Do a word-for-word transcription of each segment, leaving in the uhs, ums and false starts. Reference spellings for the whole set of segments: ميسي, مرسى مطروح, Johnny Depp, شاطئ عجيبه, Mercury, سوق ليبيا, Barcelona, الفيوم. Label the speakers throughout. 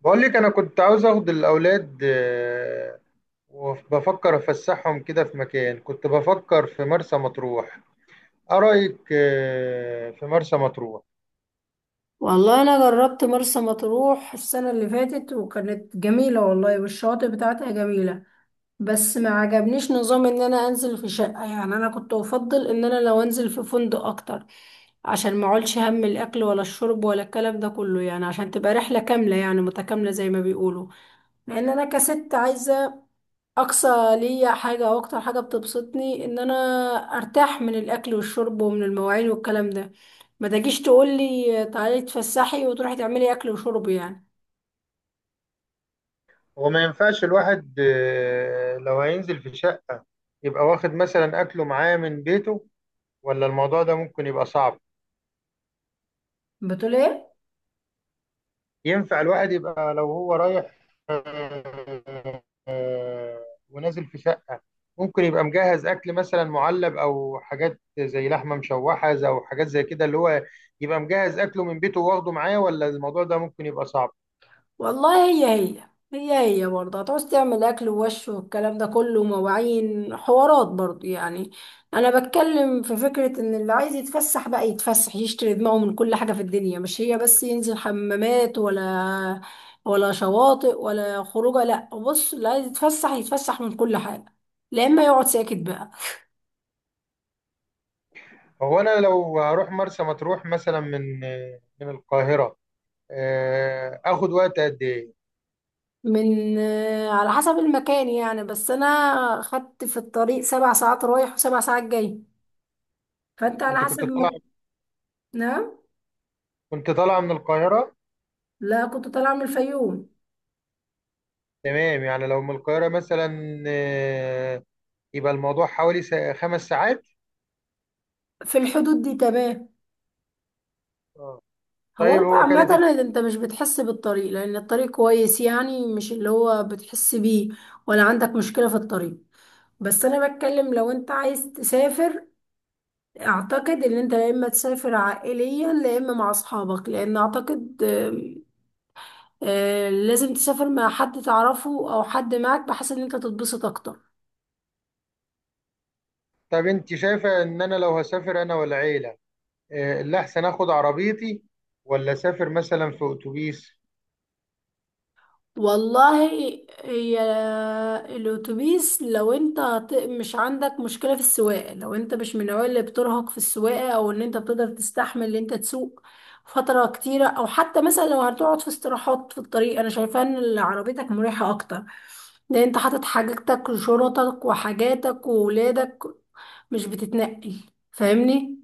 Speaker 1: بقول لك انا كنت عاوز اخد الاولاد آه، وبفكر افسحهم كده في مكان كنت بفكر في مرسى مطروح. ايه رايك آه، في مرسى مطروح؟
Speaker 2: والله انا جربت مرسى مطروح السنه اللي فاتت وكانت جميله والله، والشواطئ بتاعتها جميله. بس ما عجبنيش نظام ان انا انزل في شقه، يعني انا كنت افضل ان انا لو انزل في فندق اكتر، عشان ما اقولش هم الاكل ولا الشرب ولا الكلام ده كله، يعني عشان تبقى رحله كامله، يعني متكامله زي ما بيقولوا. لان انا كست عايزه اقصى ليا حاجه او اكتر حاجه بتبسطني ان انا ارتاح من الاكل والشرب ومن المواعين والكلام ده. ما تجيش تقول لي تعالي تفسحي وتروحي تعملي اكل وشرب يعني.
Speaker 1: هو ما ينفعش الواحد آه، لو هينزل في شقه يبقى واخد مثلا اكله معاه من بيته، ولا الموضوع ده ممكن يبقى صعب؟
Speaker 2: بتقول ايه؟
Speaker 1: ينفع الواحد يبقى لو هو رايح آه، آه، ونازل في شقة، ممكن يبقى مجهز أكل مثلا معلب أو حاجات زي لحمة مشوحة زي- أو حاجات زي كده اللي هو يبقى مجهز أكله من بيته واخده معاه، ولا الموضوع ده ممكن يبقى صعب؟
Speaker 2: والله، هي هي هي هي برضه هتعوز تعمل اكل ووش والكلام ده كله، مواعين حوارات برضه يعني. انا بتكلم في فكرة ان اللي عايز يتفسح بقى يتفسح، يشتري دماغه من كل حاجة في الدنيا، مش هي بس ينزل حمامات، ولا ولا شواطئ ولا خروجه. لا، بص، اللي عايز يتفسح يتفسح من كل حاجة، لا اما يقعد ساكت بقى.
Speaker 1: هو أنا لو هروح مرسى مطروح مثلا من آه، من القاهرة، آه، آخد وقت قد إيه؟
Speaker 2: من آه، على حسب المكان يعني، بس انا خدت في الطريق سبع ساعات رايح وسبع ساعات جاي، فانت على
Speaker 1: أنت كنت
Speaker 2: حسب
Speaker 1: طالع
Speaker 2: ما. نعم.
Speaker 1: كنت طالعة من القاهرة؟
Speaker 2: لا، كنت طالعة من الفيوم.
Speaker 1: تمام، يعني لو من القاهرة مثلا آه، يبقى الموضوع حوالي سا- خمس ساعات.
Speaker 2: في الحدود دي تمام. هو
Speaker 1: طيب
Speaker 2: انت
Speaker 1: هو
Speaker 2: عامة
Speaker 1: كانت.
Speaker 2: انت مش بتحس بالطريق لان الطريق كويس، يعني مش اللي هو بتحس بيه، ولا عندك مشكلة في الطريق. بس انا بتكلم لو انت عايز تسافر، اعتقد ان انت يا اما تسافر عائليا يا اما مع اصحابك، لان اعتقد آم، آه، لازم تسافر مع حد تعرفه او حد معك بحيث ان انت تتبسط اكتر.
Speaker 1: طب انت شايفه ان انا لو هسافر انا والعيله آه، اللي احسن اخد عربيتي ولا اسافر مثلا في اتوبيس؟
Speaker 2: والله، هي الاتوبيس لو انت هت- مش عندك مشكله في السواقه، لو انت مش من النوع اللي بترهق في السواقه او ان انت بتقدر تستحمل ان انت تسوق فتره كتيره، او حتى مثلا لو هتقعد في استراحات في الطريق، انا شايفه ان عربيتك مريحه اكتر لان انت حاطط حاجتك وشنطك وحاجاتك وولادك، مش بتتنقل. فاهمني؟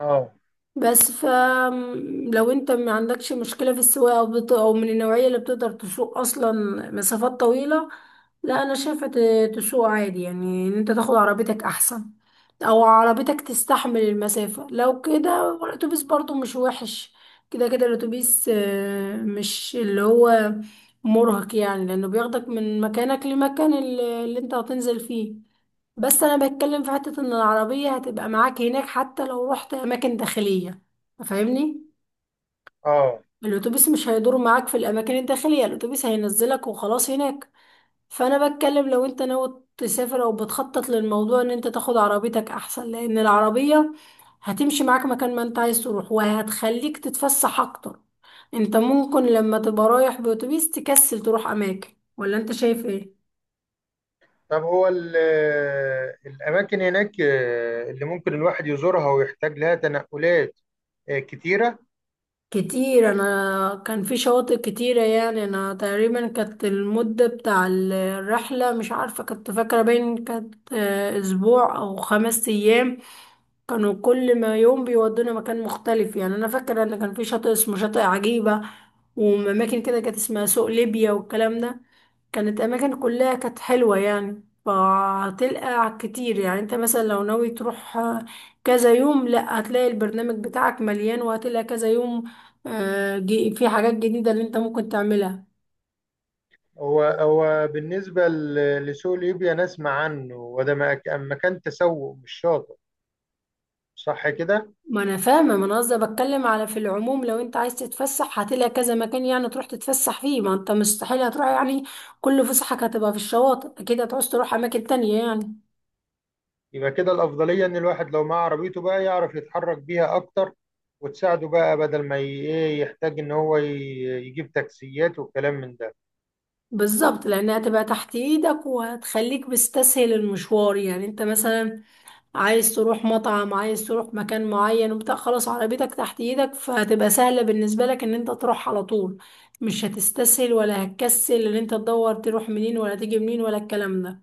Speaker 1: اه.
Speaker 2: بس ف لو انت ما عندكش مشكلة في السواقة او بت... او من النوعية اللي بتقدر تسوق اصلا مسافات طويلة، لا انا شايفة ت- تسوق عادي، يعني ان انت تاخد عربيتك احسن، او عربيتك تستحمل المسافة. لو كده الاتوبيس برضو مش وحش. كده كده الاتوبيس آه، مش اللي هو مرهق، يعني لانه بياخدك من مكانك لمكان اللي اللي انت هتنزل فيه. بس انا بتكلم في حتة ان العربية هتبقى معاك هناك حتى لو رحت اماكن داخلية. فاهمني؟
Speaker 1: اه.
Speaker 2: الاتوبيس مش هيدور معاك في الاماكن الداخلية، الاتوبيس هينزلك وخلاص هناك. فانا بتكلم لو انت ناوي تسافر او بتخطط للموضوع ان انت تاخد عربيتك احسن، لان العربية هتمشي معاك مكان ما انت عايز تروح، وهتخليك تتفسح اكتر. انت ممكن لما تبقى رايح باتوبيس تكسل تروح اماكن. ولا انت شايف ايه؟
Speaker 1: طب هو ال- آه، الاماكن هناك آه، اللي ممكن الواحد يزورها ويحتاج لها تنقلات آه، كتيره.
Speaker 2: كتير، انا كان في شواطئ كتيرة، يعني انا تقريبا كانت المدة بتاع الرحلة، مش عارفة كنت فاكرة باين كانت آه، اسبوع او خمس ايام. كانوا كل ما يوم بيودونا مكان مختلف، يعني انا فاكره ان كان في شاطئ اسمه شاطئ عجيبه، واماكن كده كانت اسمها سوق ليبيا والكلام ده. كانت اماكن كلها كانت حلوه يعني. فهتلقى كتير، يعني انت مثلا لو ناوي تروح كذا يوم، لا هتلاقي البرنامج بتاعك مليان، وهتلاقي كذا يوم آه، جي- في حاجات جديده اللي انت ممكن تعملها.
Speaker 1: هو هو بالنسبه ل- لسوق ليبيا، نسمع عنه، وده مك- مكان تسوق مش شاطئ، صح كده؟
Speaker 2: ما انا فاهمه، ما انا قصدي بتكلم على في العموم، لو انت عايز تتفسح هتلاقي كذا مكان يعني تروح تتفسح فيه، ما انت مستحيل هتروح يعني كل فسحك هتبقى في الشواطئ، اكيد هتعوز تروح اماكن تانية يعني.
Speaker 1: يبقى كده الأفضلية إن الواحد لو معاه عربيته بقى يعرف يتحرك بيها أكتر، وتساعده بقى بدل ما ي- إيه يحتاج إن هو ي- يجيب تاكسيات والكلام من ده.
Speaker 2: بالظبط، لانها هتبقى تحت ايدك، وهتخليك بتستسهل المشوار، يعني انت مثلا عايز تروح مطعم، عايز تروح مكان معين وبتاع، خلاص عربيتك تحت ايدك، فهتبقى سهله بالنسبه لك ان انت تروح على طول، مش هتستسهل ولا هتكسل ان انت تدور تروح منين ولا تيجي منين ولا الكلام ده.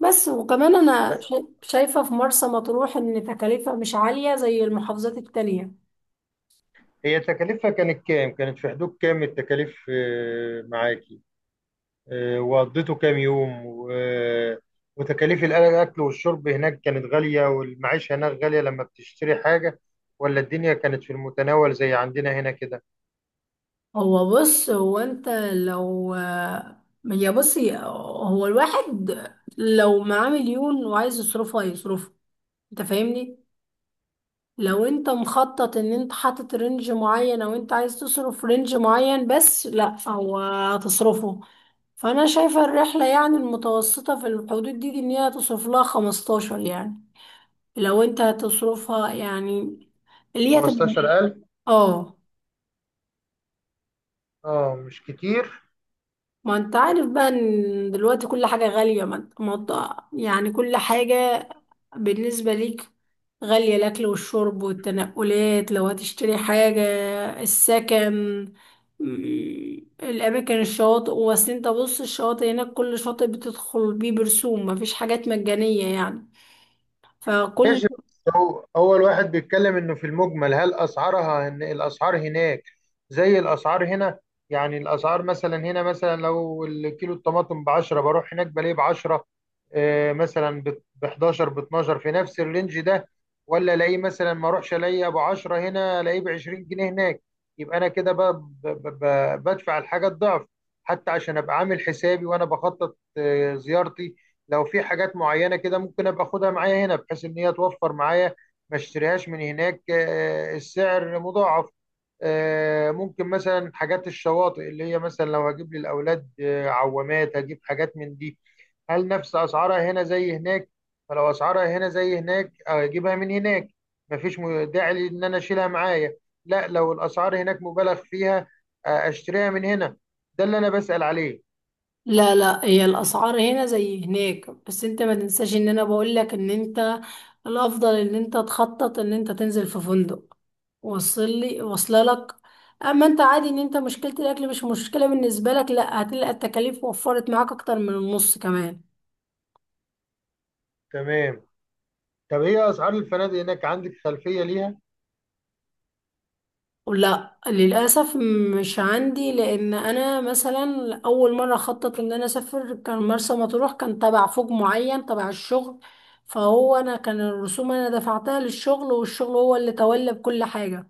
Speaker 2: بس وكمان أنا شا- شايفة في مرسى مطروح إن تكاليفها مش عالية زي المحافظات التانية.
Speaker 1: هي تكاليفها كانت كام؟ كانت في حدود كام التكاليف آه، معاكي؟ آه، وقضيته كام يوم؟ و- وتكاليف الأكل والشرب هناك كانت غالية والمعيشة هناك غالية لما بتشتري حاجة، ولا الدنيا كانت في المتناول زي عندنا هنا كده؟
Speaker 2: هو بص هو أنت لو يا بصي هو الواحد لو معاه مليون وعايز يصرفها هيصرفها. أنت فاهمني؟ لو أنت مخطط إن أنت حاطط رينج معين أو أنت عايز تصرف رينج معين بس، لأ، هو هتصرفه. فأنا شايفة الرحلة، يعني المتوسطة في الحدود دي, دي إن هي هتصرف لها خمستاشر يعني، لو انت هتصرفها يعني، اللي هي هتبقى.
Speaker 1: خمستاشر ألف.
Speaker 2: اه.
Speaker 1: اه، مش كتير.
Speaker 2: ما انت عارف بقى ان دلوقتي كل حاجة غالية، ما انت- ما انت- يعني كل حاجة بالنسبة ليك غالية، الأكل والشرب والتنقلات لو هتشتري حاجة، السكن، م- الأماكن، الشواطئ. وأصل انت بص، الشواطئ هناك كل شاطئ بتدخل بيه برسوم، مفيش حاجات مجانية يعني. فكل.
Speaker 1: ماشي، بس هو أول واحد بيتكلم إنه في المجمل، هل أسعارها، إن الأسعار هناك زي الأسعار هنا؟ يعني الأسعار مثلا هنا، مثلا لو الكيلو الطماطم ب عشرة، بروح هناك بلاقيه ب عشرة آه، مثلا ب حداشر ب اتناشر في نفس الرينج ده. ولا الاقيه مثلا، ما اروحش الاقيه ب عشرة هنا الاقيه ب عشرين جنيه هناك، يبقى انا كده ب- ب- ب- بدفع الحاجه الضعف. حتى عشان ابقى عامل حسابي وانا بخطط آه، زيارتي، لو في حاجات معينة كده ممكن ابقى اخدها معايا هنا بحيث ان هي توفر معايا ما اشتريهاش من هناك آه، السعر مضاعف. آه، ممكن مثلا حاجات الشواطئ، اللي هي مثلا لو هجيب للاولاد آه، عوامات، هجيب حاجات من دي. هل نفس اسعارها هنا زي هناك؟ فلو اسعارها هنا زي هناك اجيبها من هناك، مفيش م- داعي لي ان انا اشيلها معايا. لا، لو الاسعار هناك مبالغ فيها آه، اشتريها من هنا. ده اللي انا بسأل عليه.
Speaker 2: لا، لا، هي الاسعار هنا زي هناك، بس انت ما تنساش ان انا بقول لك ان انت الافضل ان انت تخطط ان انت تنزل في فندق. وصل لي واصله لك. اما انت عادي ان انت مشكله الاكل مش مشكله بالنسبه لك، لا هتلاقي التكاليف وفرت معاك اكتر من النص كمان.
Speaker 1: تمام. طب ايه اسعار الفنادق هناك، عندك خلفية ليها؟
Speaker 2: لا، للأسف، مش عندي، لأن أنا مثلا أول مرة خطط إن أنا أسافر كان مرسى مطروح، كان تبع فوج معين تبع الشغل. فهو أنا كان الرسوم أنا دفعتها للشغل، والشغل هو اللي تولى بكل حاجة.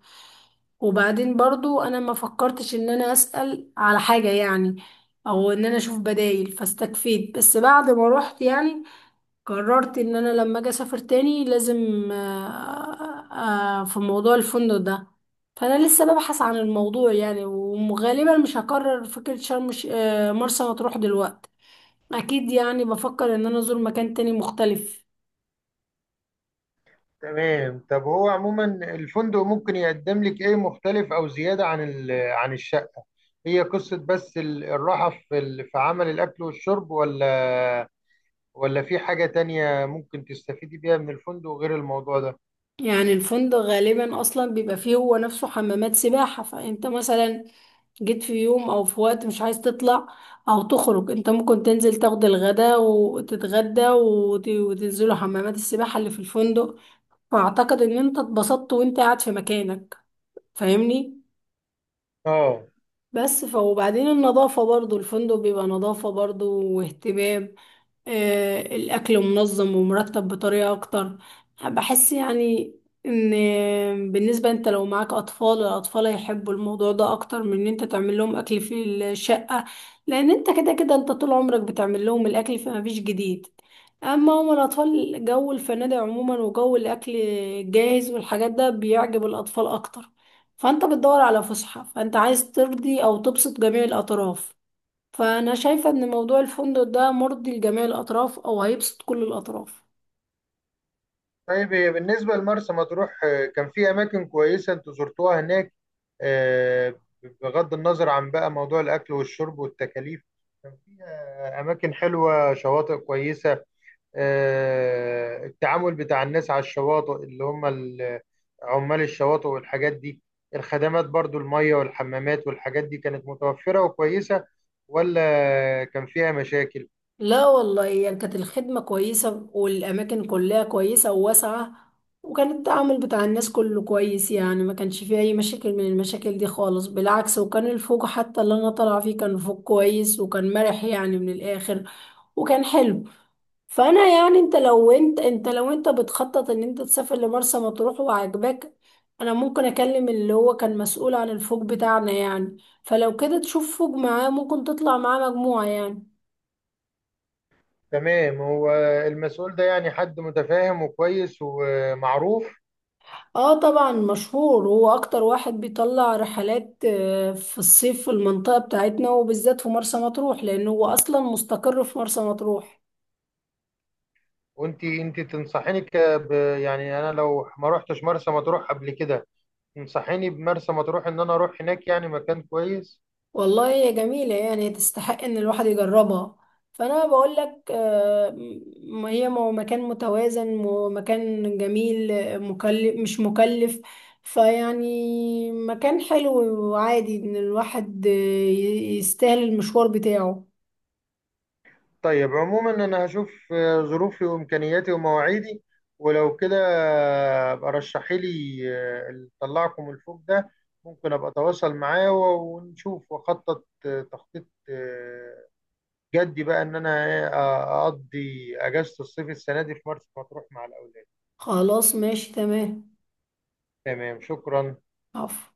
Speaker 2: وبعدين برضو أنا ما فكرتش إن أنا أسأل على حاجة يعني، أو إن أنا أشوف بدايل، فاستكفيت بس بعد ما روحت يعني. قررت ان انا لما اجي اسافر تاني لازم آه، آه، آه، في موضوع الفندق ده. فانا لسه ببحث عن الموضوع يعني، وغالبا مش هكرر فكرة شرم الش- آه، مرسى مطروح دلوقتي، اكيد يعني بفكر ان انا ازور مكان تاني مختلف.
Speaker 1: تمام. طب هو عموما الفندق ممكن يقدم لك ايه مختلف او زيادة عن ال- عن الشقة؟ هي قصة بس ال- الراحة في ال- في عمل الاكل والشرب، ولا ولا في حاجة تانية ممكن تستفيدي بيها من الفندق غير الموضوع ده؟
Speaker 2: يعني الفندق غالبا اصلا بيبقى فيه هو نفسه حمامات سباحة، فانت مثلا جيت في يوم او في وقت مش عايز تطلع او تخرج، انت ممكن تنزل تاخد الغداء وتتغدى وت- وتنزلوا حمامات السباحة اللي في الفندق. واعتقد ان انت اتبسطت وانت قاعد في مكانك. فاهمني؟
Speaker 1: اه.
Speaker 2: بس ف وبعدين النظافة برضو، الفندق بيبقى نظافة برضو واهتمام، آه الأكل منظم ومرتب بطريقة أكتر. بحس يعني إن بالنسبة أنت لو معاك أطفال، الأطفال هيحبوا الموضوع ده أكتر من إن أنت تعمل لهم أكل في الشقة، لأن أنت كده كده أنت طول عمرك بتعمل لهم الأكل فمفيش جديد. أما هما الأطفال، جو الفنادق عموما وجو الأكل الجاهز والحاجات ده بيعجب الأطفال أكتر. فانت بتدور على فسحة، فانت عايز ترضي او تبسط جميع الاطراف، فانا شايفة ان موضوع الفندق ده مرضي لجميع الاطراف او هيبسط كل الاطراف.
Speaker 1: طيب، إيه بالنسبة لمرسى مطروح، آه، كان في أماكن كويسة أنتوا زرتوها هناك؟ آه، بغض النظر عن بقى موضوع الأكل والشرب والتكاليف، كان فيها أماكن حلوة، شواطئ كويسة؟ آه، التعامل بتاع الناس على الشواطئ اللي هم ال- عمال الشواطئ والحاجات دي، الخدمات برضو المية والحمامات والحاجات دي كانت متوفرة وكويسة، ولا كان فيها مشاكل؟
Speaker 2: لا والله، يعني كانت الخدمة كويسة والأماكن كلها كويسة وواسعة، وكان التعامل بتاع الناس كله كويس، يعني ما كانش فيه أي مشاكل من المشاكل دي خالص، بالعكس، وكان الفوق حتى اللي أنا طالعة فيه كان فوق كويس وكان مرح، يعني من الآخر، وكان حلو. فأنا يعني أنت لو أنت أنت لو أنت بتخطط إن أنت تسافر لمرسى مطروح وعجبك، أنا ممكن أكلم اللي هو كان مسؤول عن الفوق بتاعنا يعني، فلو كده تشوف فوق معاه ممكن تطلع معاه مجموعة يعني.
Speaker 1: تمام. هو المسؤول ده يعني حد متفاهم وكويس ومعروف؟
Speaker 2: اه طبعا، مشهور، هو اكتر واحد بيطلع رحلات آه، في الصيف في المنطقة بتاعتنا وبالذات في مرسى مطروح، لانه هو اصلا مستقر في مرسى مطروح.
Speaker 1: وانت انت تنصحيني ك ب- يعني انا لو ما رحتش مرسى مطروح قبل كده، تنصحيني بمرسى مطروح ان انا اروح هناك؟ يعني مكان كويس؟
Speaker 2: والله، هي جميلة يعني تستحق ان الواحد يجربها. فانا بقول لك آه، م- هي مو- مكان متوازن، مو- مكان جميل، آه، مكلف مش مكلف، فيعني مكان حلو، وعادي ان الواحد آه، ي- يستاهل المشوار بتاعه.
Speaker 1: طيب، عموما انا هشوف آه، ظروفي وامكانياتي ومواعيدي، ولو كده آه، ابقى رشحي لي آه، اللي طلعكم الفوق ده، ممكن ابقى اتواصل معاه و- ونشوف واخطط آه، تخطيط آه، جدي بقى ان انا إيه، اقضي اجازه الصيف السنه دي في مرسى مطروح مع الاولاد.
Speaker 2: خلاص، ماشي، تمام.
Speaker 1: تمام، شكرا.
Speaker 2: عفو.